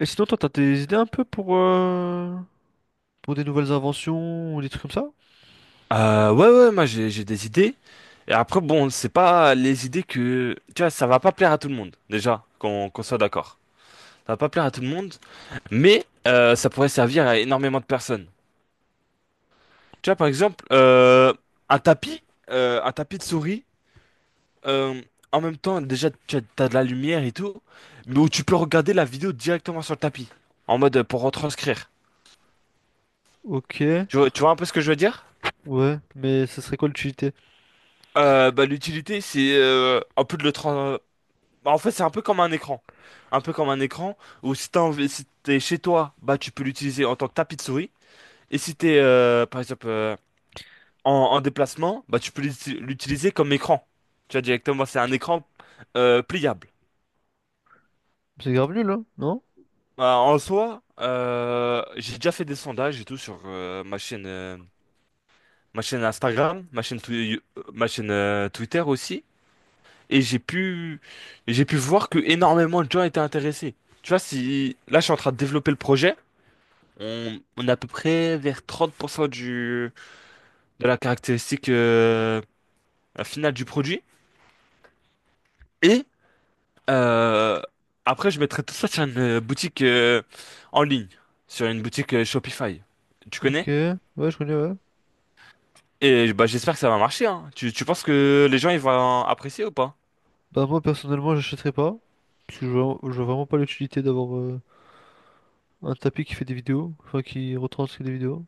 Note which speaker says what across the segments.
Speaker 1: Et sinon, toi, t'as des idées un peu pour des nouvelles inventions ou des trucs comme ça?
Speaker 2: Ouais, ouais, moi j'ai des idées. Et après, bon, c'est pas les idées que. Tu vois, ça va pas plaire à tout le monde, déjà, qu'on soit d'accord. Ça va pas plaire à tout le monde, mais ça pourrait servir à énormément de personnes. Tu vois, par exemple, un tapis, un tapis de souris, euh, en même temps, déjà, t'as de la lumière et tout, mais où tu peux regarder la vidéo directement sur le tapis, en mode pour retranscrire.
Speaker 1: Ok,
Speaker 2: Tu vois un peu ce que je veux dire?
Speaker 1: ouais, mais ça serait quoi l'utilité?
Speaker 2: Bah, l'utilité, c'est un peu de le transcrire. Bah, en fait, c'est un peu comme un écran. Un peu comme un écran où si t'es chez toi, bah tu peux l'utiliser en tant que tapis de souris. Et si t'es par exemple en déplacement, bah tu peux l'utiliser comme écran. Tu vois directement, c'est un écran pliable.
Speaker 1: C'est grave nul, hein? Non?
Speaker 2: Bah, en soi, j'ai déjà fait des sondages et tout sur ma chaîne Instagram, ma chaîne, ma chaîne Twitter aussi. Et j'ai pu voir que énormément de gens étaient intéressés. Tu vois, si là je suis en train de développer le projet. On est à peu près vers 30% du, de la caractéristique finale du produit. Et euh, après, je mettrai tout ça sur une boutique en ligne, sur une boutique Shopify. Tu
Speaker 1: Ok,
Speaker 2: connais?
Speaker 1: ouais, je connais, ouais.
Speaker 2: Et bah, j'espère que ça va marcher, hein. Tu penses que les gens ils vont apprécier ou pas?
Speaker 1: Bah, moi, personnellement, j'achèterais pas. Parce que je vois vraiment pas l'utilité d'avoir un tapis qui fait des vidéos, enfin, qui retranscrit des vidéos.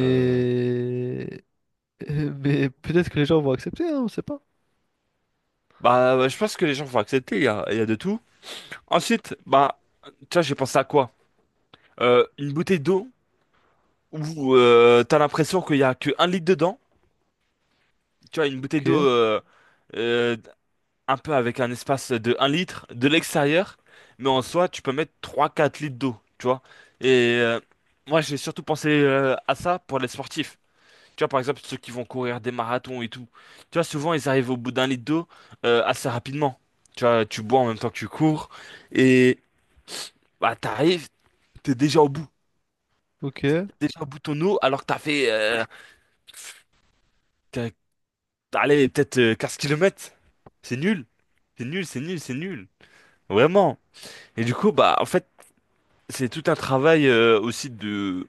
Speaker 2: Euh,
Speaker 1: Mais peut-être que les gens vont accepter, hein, on sait pas.
Speaker 2: bah, ouais, je pense que les gens vont accepter. Il y a de tout. Ensuite, bah, tu vois, j'ai pensé à quoi? Une bouteille d'eau où t'as l'impression qu'il y a que un litre dedans. Tu vois, une bouteille d'eau
Speaker 1: Ok,
Speaker 2: euh, un peu avec un espace de un litre de l'extérieur, mais en soi, tu peux mettre trois quatre litres d'eau, tu vois. Et moi, j'ai surtout pensé à ça pour les sportifs. Tu vois, par exemple, ceux qui vont courir des marathons et tout. Tu vois, souvent, ils arrivent au bout d'un litre d'eau assez rapidement. Tu vois, tu bois en même temps que tu cours, et bah, t'arrives, t'es déjà au bout. T'es
Speaker 1: ok.
Speaker 2: déjà au bout de ton eau, alors que t'as fait, t'as- t'as allé peut-être 15 km. C'est nul. C'est nul, c'est nul, c'est nul. Vraiment. Et du coup, bah, en fait, c'est tout un travail aussi de,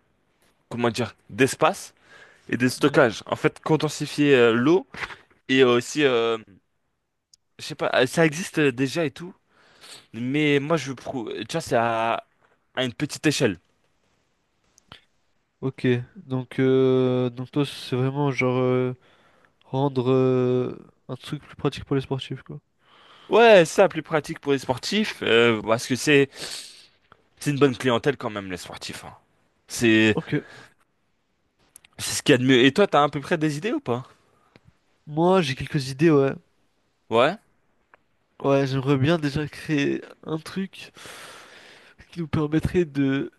Speaker 2: comment dire, d'espace et de
Speaker 1: Hmm.
Speaker 2: stockage. En fait, condensifier l'eau et aussi, je sais pas, ça existe déjà et tout, mais moi, je prouve, tu vois, c'est à une petite échelle.
Speaker 1: Ok, donc toi, c'est vraiment genre. Rendre un truc plus pratique pour les sportifs, quoi.
Speaker 2: Ouais, c'est ça, plus pratique pour les sportifs, parce que c'est, une bonne clientèle quand même, les sportifs, hein. C'est,
Speaker 1: Ok.
Speaker 2: c'est ce qu'il y a de mieux. Et toi, t'as à peu près des idées ou pas?
Speaker 1: Moi, j'ai quelques idées, ouais.
Speaker 2: Ouais.
Speaker 1: Ouais, j'aimerais bien déjà créer un truc qui nous permettrait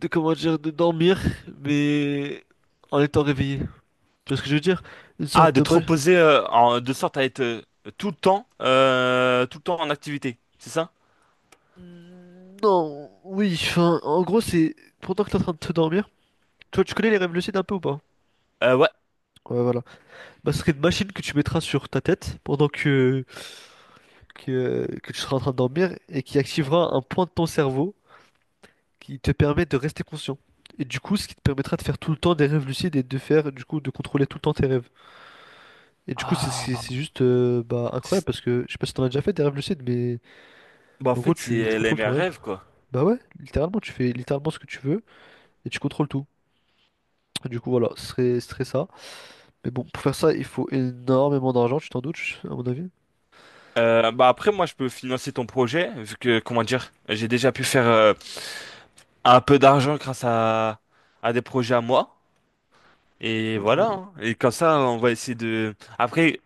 Speaker 1: de comment dire, de dormir, mais en étant réveillé. Tu vois ce que je veux dire? Une
Speaker 2: Ah,
Speaker 1: sorte de
Speaker 2: d'être
Speaker 1: balle.
Speaker 2: reposé de sorte à être tout le temps en activité, c'est ça?
Speaker 1: Non, oui, enfin, en gros, c'est pendant que t'es en train de te dormir. Tu vois, tu connais les rêves lucides un peu ou pas?
Speaker 2: Ouais.
Speaker 1: Ouais, voilà. Bah, ce serait une machine que tu mettras sur ta tête pendant que tu seras en train de dormir et qui activera un point de ton cerveau qui te permet de rester conscient. Et du coup, ce qui te permettra de faire tout le temps des rêves lucides et de faire, du coup, de contrôler tout le temps tes rêves. Et du coup,
Speaker 2: Ah,
Speaker 1: c'est juste bah, incroyable
Speaker 2: c'est-
Speaker 1: parce que je sais pas si t'en as déjà fait des rêves lucides, mais
Speaker 2: bah, en
Speaker 1: en gros,
Speaker 2: fait, c'est
Speaker 1: tu
Speaker 2: les
Speaker 1: contrôles
Speaker 2: mes
Speaker 1: ton rêve.
Speaker 2: rêves, quoi.
Speaker 1: Bah ouais, littéralement, tu fais littéralement ce que tu veux et tu contrôles tout. Et du coup, voilà, ce serait ça. Mais bon, pour faire ça, il faut énormément d'argent, tu t'en doutes, à mon avis.
Speaker 2: Bah après, moi, je peux financer ton projet, vu que, comment dire, j'ai déjà pu faire un peu d'argent grâce à des projets à moi. Et
Speaker 1: Oh.
Speaker 2: voilà, hein. Et comme ça, on va essayer de. Après,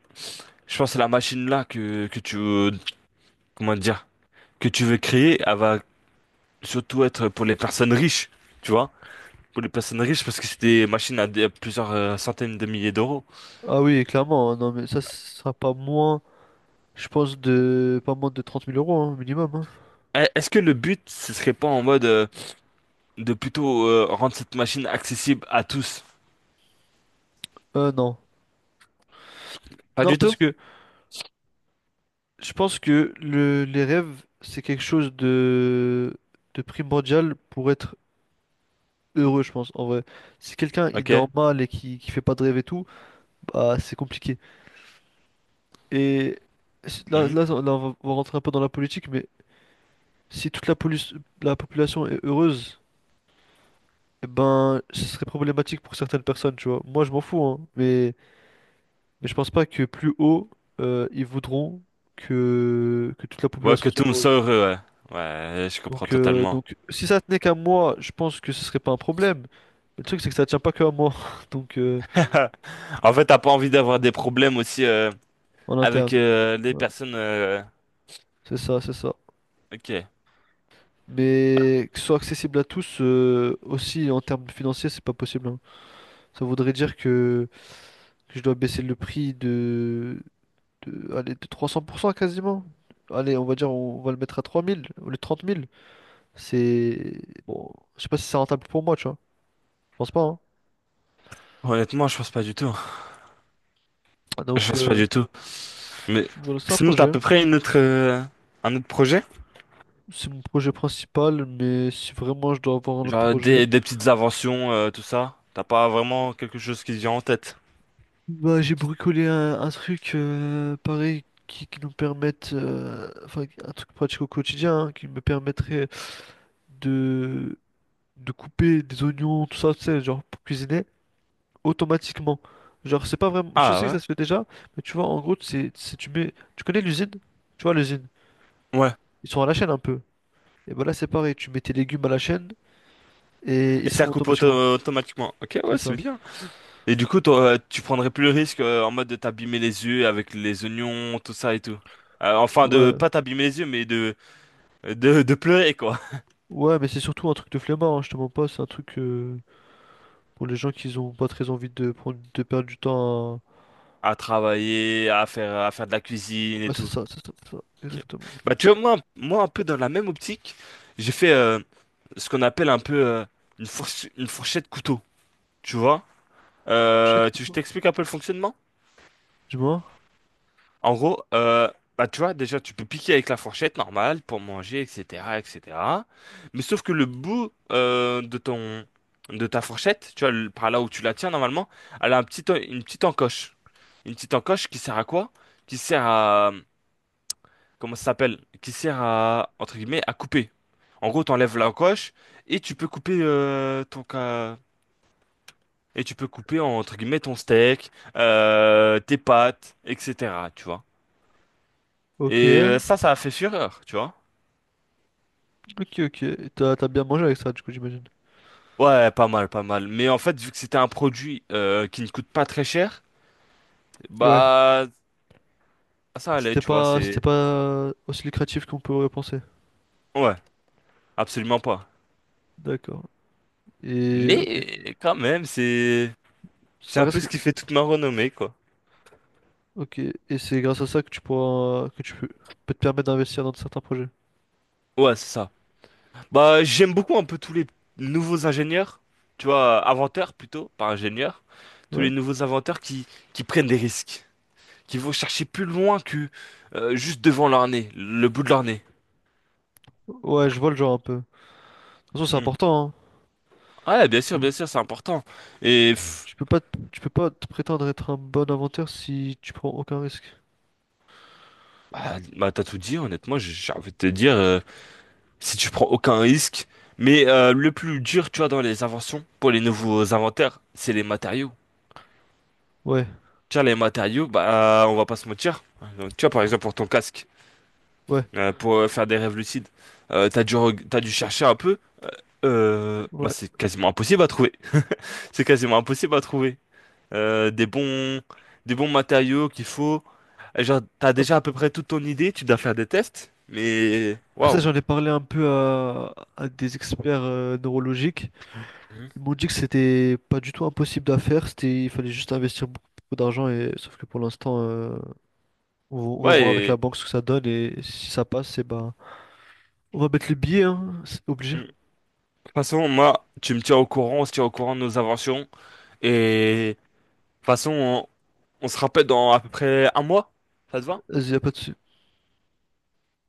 Speaker 2: je pense que la machine là que tu veux, comment dire, que tu veux créer, elle va surtout être pour les personnes riches, tu vois? Pour les personnes riches parce que c'est des machines à plusieurs centaines de milliers d'euros.
Speaker 1: Ah oui, clairement, hein. Non, mais ça, ce sera pas moins, je pense, de pas moins de 30 000 € hein, minimum. Hein.
Speaker 2: Est-ce que le but, ce serait pas en mode de plutôt rendre cette machine accessible à tous?
Speaker 1: Non.
Speaker 2: Pas
Speaker 1: Non,
Speaker 2: du
Speaker 1: parce
Speaker 2: tout.
Speaker 1: que. Je pense que les rêves, c'est quelque chose de primordial pour être heureux, je pense, en vrai. Si quelqu'un, il
Speaker 2: Ok.
Speaker 1: dort mal et qui fait pas de rêve et tout, bah, c'est compliqué. Et
Speaker 2: Mhm.
Speaker 1: là, on va rentrer un peu dans la politique, mais si la population est heureuse, eh ben, ce serait problématique pour certaines personnes, tu vois. Moi, je m'en fous, hein, mais je pense pas que plus haut, ils voudront que toute la
Speaker 2: Ouais,
Speaker 1: population
Speaker 2: que
Speaker 1: soit
Speaker 2: tout le monde soit
Speaker 1: heureuse.
Speaker 2: heureux, ouais. Ouais, je comprends totalement.
Speaker 1: Donc, si ça tenait qu'à moi, je pense que ce serait pas un problème. Mais le truc, c'est que ça tient pas que à moi. Donc,
Speaker 2: En fait, t'as pas envie d'avoir des problèmes aussi
Speaker 1: en interne.
Speaker 2: avec les
Speaker 1: Ouais,
Speaker 2: personnes,
Speaker 1: c'est ça, c'est ça.
Speaker 2: ok.
Speaker 1: Mais que ce soit accessible à tous, aussi en termes financiers, c'est pas possible, hein. Ça voudrait dire que je dois baisser le prix de, allez, de 300% quasiment. Allez, on va dire, on va le mettre à 3000 ou les 30 000. C'est. Bon, je sais pas si c'est rentable pour moi, tu vois. Je pense pas, hein.
Speaker 2: Honnêtement, je pense pas du tout. Je
Speaker 1: Donc,
Speaker 2: pense pas du tout. Mais
Speaker 1: voilà, c'est un
Speaker 2: sinon, t'as à
Speaker 1: projet.
Speaker 2: peu près une autre, un autre projet?
Speaker 1: C'est mon projet principal, mais si vraiment je dois avoir un autre
Speaker 2: Genre
Speaker 1: projet,
Speaker 2: des petites inventions, tout ça. T'as pas vraiment quelque chose qui te vient en tête.
Speaker 1: bah j'ai bricolé un truc pareil qui nous permette, enfin un truc pratique au quotidien, hein, qui me permettrait de, de couper des oignons, tout ça, tu sais, genre pour cuisiner automatiquement. Genre c'est pas vraiment, je sais que ça
Speaker 2: Ah
Speaker 1: se fait déjà, mais tu vois en gros c'est tu mets, tu connais l'usine? Tu vois l'usine?
Speaker 2: ouais? Ouais.
Speaker 1: Ils sont à la chaîne un peu. Et bah là c'est pareil, tu mets tes légumes à la chaîne et ils
Speaker 2: Et
Speaker 1: se
Speaker 2: ça
Speaker 1: font
Speaker 2: coupe
Speaker 1: automatiquement,
Speaker 2: automatiquement. Ok,
Speaker 1: c'est
Speaker 2: ouais, c'est
Speaker 1: ça.
Speaker 2: bien. Et du coup, toi, tu prendrais plus le risque en mode de t'abîmer les yeux avec les oignons, tout ça et tout. Enfin, de
Speaker 1: Ouais.
Speaker 2: pas t'abîmer les yeux, mais de pleurer, quoi.
Speaker 1: Ouais, mais c'est surtout un truc de flemmard, hein, je te mens pas, c'est un truc pour les gens qui ont pas très envie de prendre de perdre du temps
Speaker 2: À travailler, à faire de la
Speaker 1: à...
Speaker 2: cuisine et
Speaker 1: Ouais, c'est
Speaker 2: tout.
Speaker 1: ça, c'est ça, c'est ça,
Speaker 2: Ok.
Speaker 1: exactement.
Speaker 2: Bah, tu vois, moi, un peu dans la même optique, j'ai fait ce qu'on appelle un peu une fourchette couteau, tu vois?
Speaker 1: Shit,
Speaker 2: Euh,
Speaker 1: que
Speaker 2: tu, je
Speaker 1: toi.
Speaker 2: t'explique un peu le fonctionnement.
Speaker 1: Dis-moi.
Speaker 2: En gros, bah, tu vois, déjà, tu peux piquer avec la fourchette normale pour manger, etc., etc. Mais sauf que le bout de ton, de ta fourchette, tu vois, par là où tu la tiens normalement, elle a une petite encoche. Une petite encoche qui sert à quoi? Qui sert à, comment ça s'appelle? Qui sert à, entre guillemets, à couper. En gros, t'enlèves l'encoche et tu peux couper ton, ca- et tu peux couper en, entre guillemets ton steak, tes pâtes, etc. Tu vois.
Speaker 1: Ok,
Speaker 2: Et ça a fait fureur, tu vois.
Speaker 1: ok, ok. Et t'as bien mangé avec ça, du coup, j'imagine.
Speaker 2: Ouais, pas mal, pas mal. Mais en fait, vu que c'était un produit qui ne coûte pas très cher,
Speaker 1: Ouais.
Speaker 2: bah ça allait, tu vois.
Speaker 1: C'était
Speaker 2: C'est
Speaker 1: pas aussi lucratif qu'on pourrait penser.
Speaker 2: Ouais, absolument pas.
Speaker 1: D'accord. Et ok.
Speaker 2: Mais quand même, c'est
Speaker 1: Ça
Speaker 2: un peu
Speaker 1: reste.
Speaker 2: ce qui fait toute ma renommée, quoi.
Speaker 1: Ok. Et c'est grâce à ça que tu pourras, peut te permettre d'investir dans certains projets.
Speaker 2: Ouais, c'est ça. Bah j'aime beaucoup un peu tous les nouveaux ingénieurs, tu vois, inventeurs plutôt, pas ingénieurs, tous les
Speaker 1: Ouais.
Speaker 2: nouveaux inventeurs qui prennent des risques. Qui vont chercher plus loin que juste devant leur nez, le bout de leur nez.
Speaker 1: Ouais, je vois le genre un peu. De toute façon, c'est
Speaker 2: Hmm.
Speaker 1: important, hein.
Speaker 2: Ouais, bien sûr, c'est important. Et pff,
Speaker 1: Tu peux pas, tu peux pas te prétendre être un bon inventeur si tu prends aucun risque.
Speaker 2: bah, t'as tout dit, honnêtement, j'ai envie de te dire, si tu prends aucun risque. Mais le plus dur, tu vois, dans les inventions, pour les nouveaux inventaires, c'est les matériaux.
Speaker 1: Ouais,
Speaker 2: Tu vois, les matériaux, bah, on va pas se mentir. Donc, tu vois, par exemple, pour ton casque,
Speaker 1: ouais,
Speaker 2: pour faire des rêves lucides, t'as dû chercher un peu. Bah,
Speaker 1: ouais.
Speaker 2: c'est quasiment impossible à trouver. C'est quasiment impossible à trouver, euh, des bons, des bons matériaux qu'il faut. Et genre, t'as
Speaker 1: Hop.
Speaker 2: déjà à peu près toute ton idée, tu dois faire des tests, mais
Speaker 1: Ça,
Speaker 2: waouh.
Speaker 1: j'en ai parlé un peu à des experts neurologiques.
Speaker 2: Mhm.
Speaker 1: Ils m'ont dit que c'était pas du tout impossible à faire. C'était, il fallait juste investir beaucoup, beaucoup d'argent. Et sauf que pour l'instant, on va
Speaker 2: Ouais,
Speaker 1: voir avec la banque ce que ça donne et si ça passe, c'est bah, on va mettre le billets, hein. C'est obligé.
Speaker 2: mm. De toute façon, moi, tu me tiens au courant, on se tient au courant de nos inventions, et de toute façon, on se rappelle dans à peu près un mois, ça te va?
Speaker 1: Vas-y, y a pas de sou-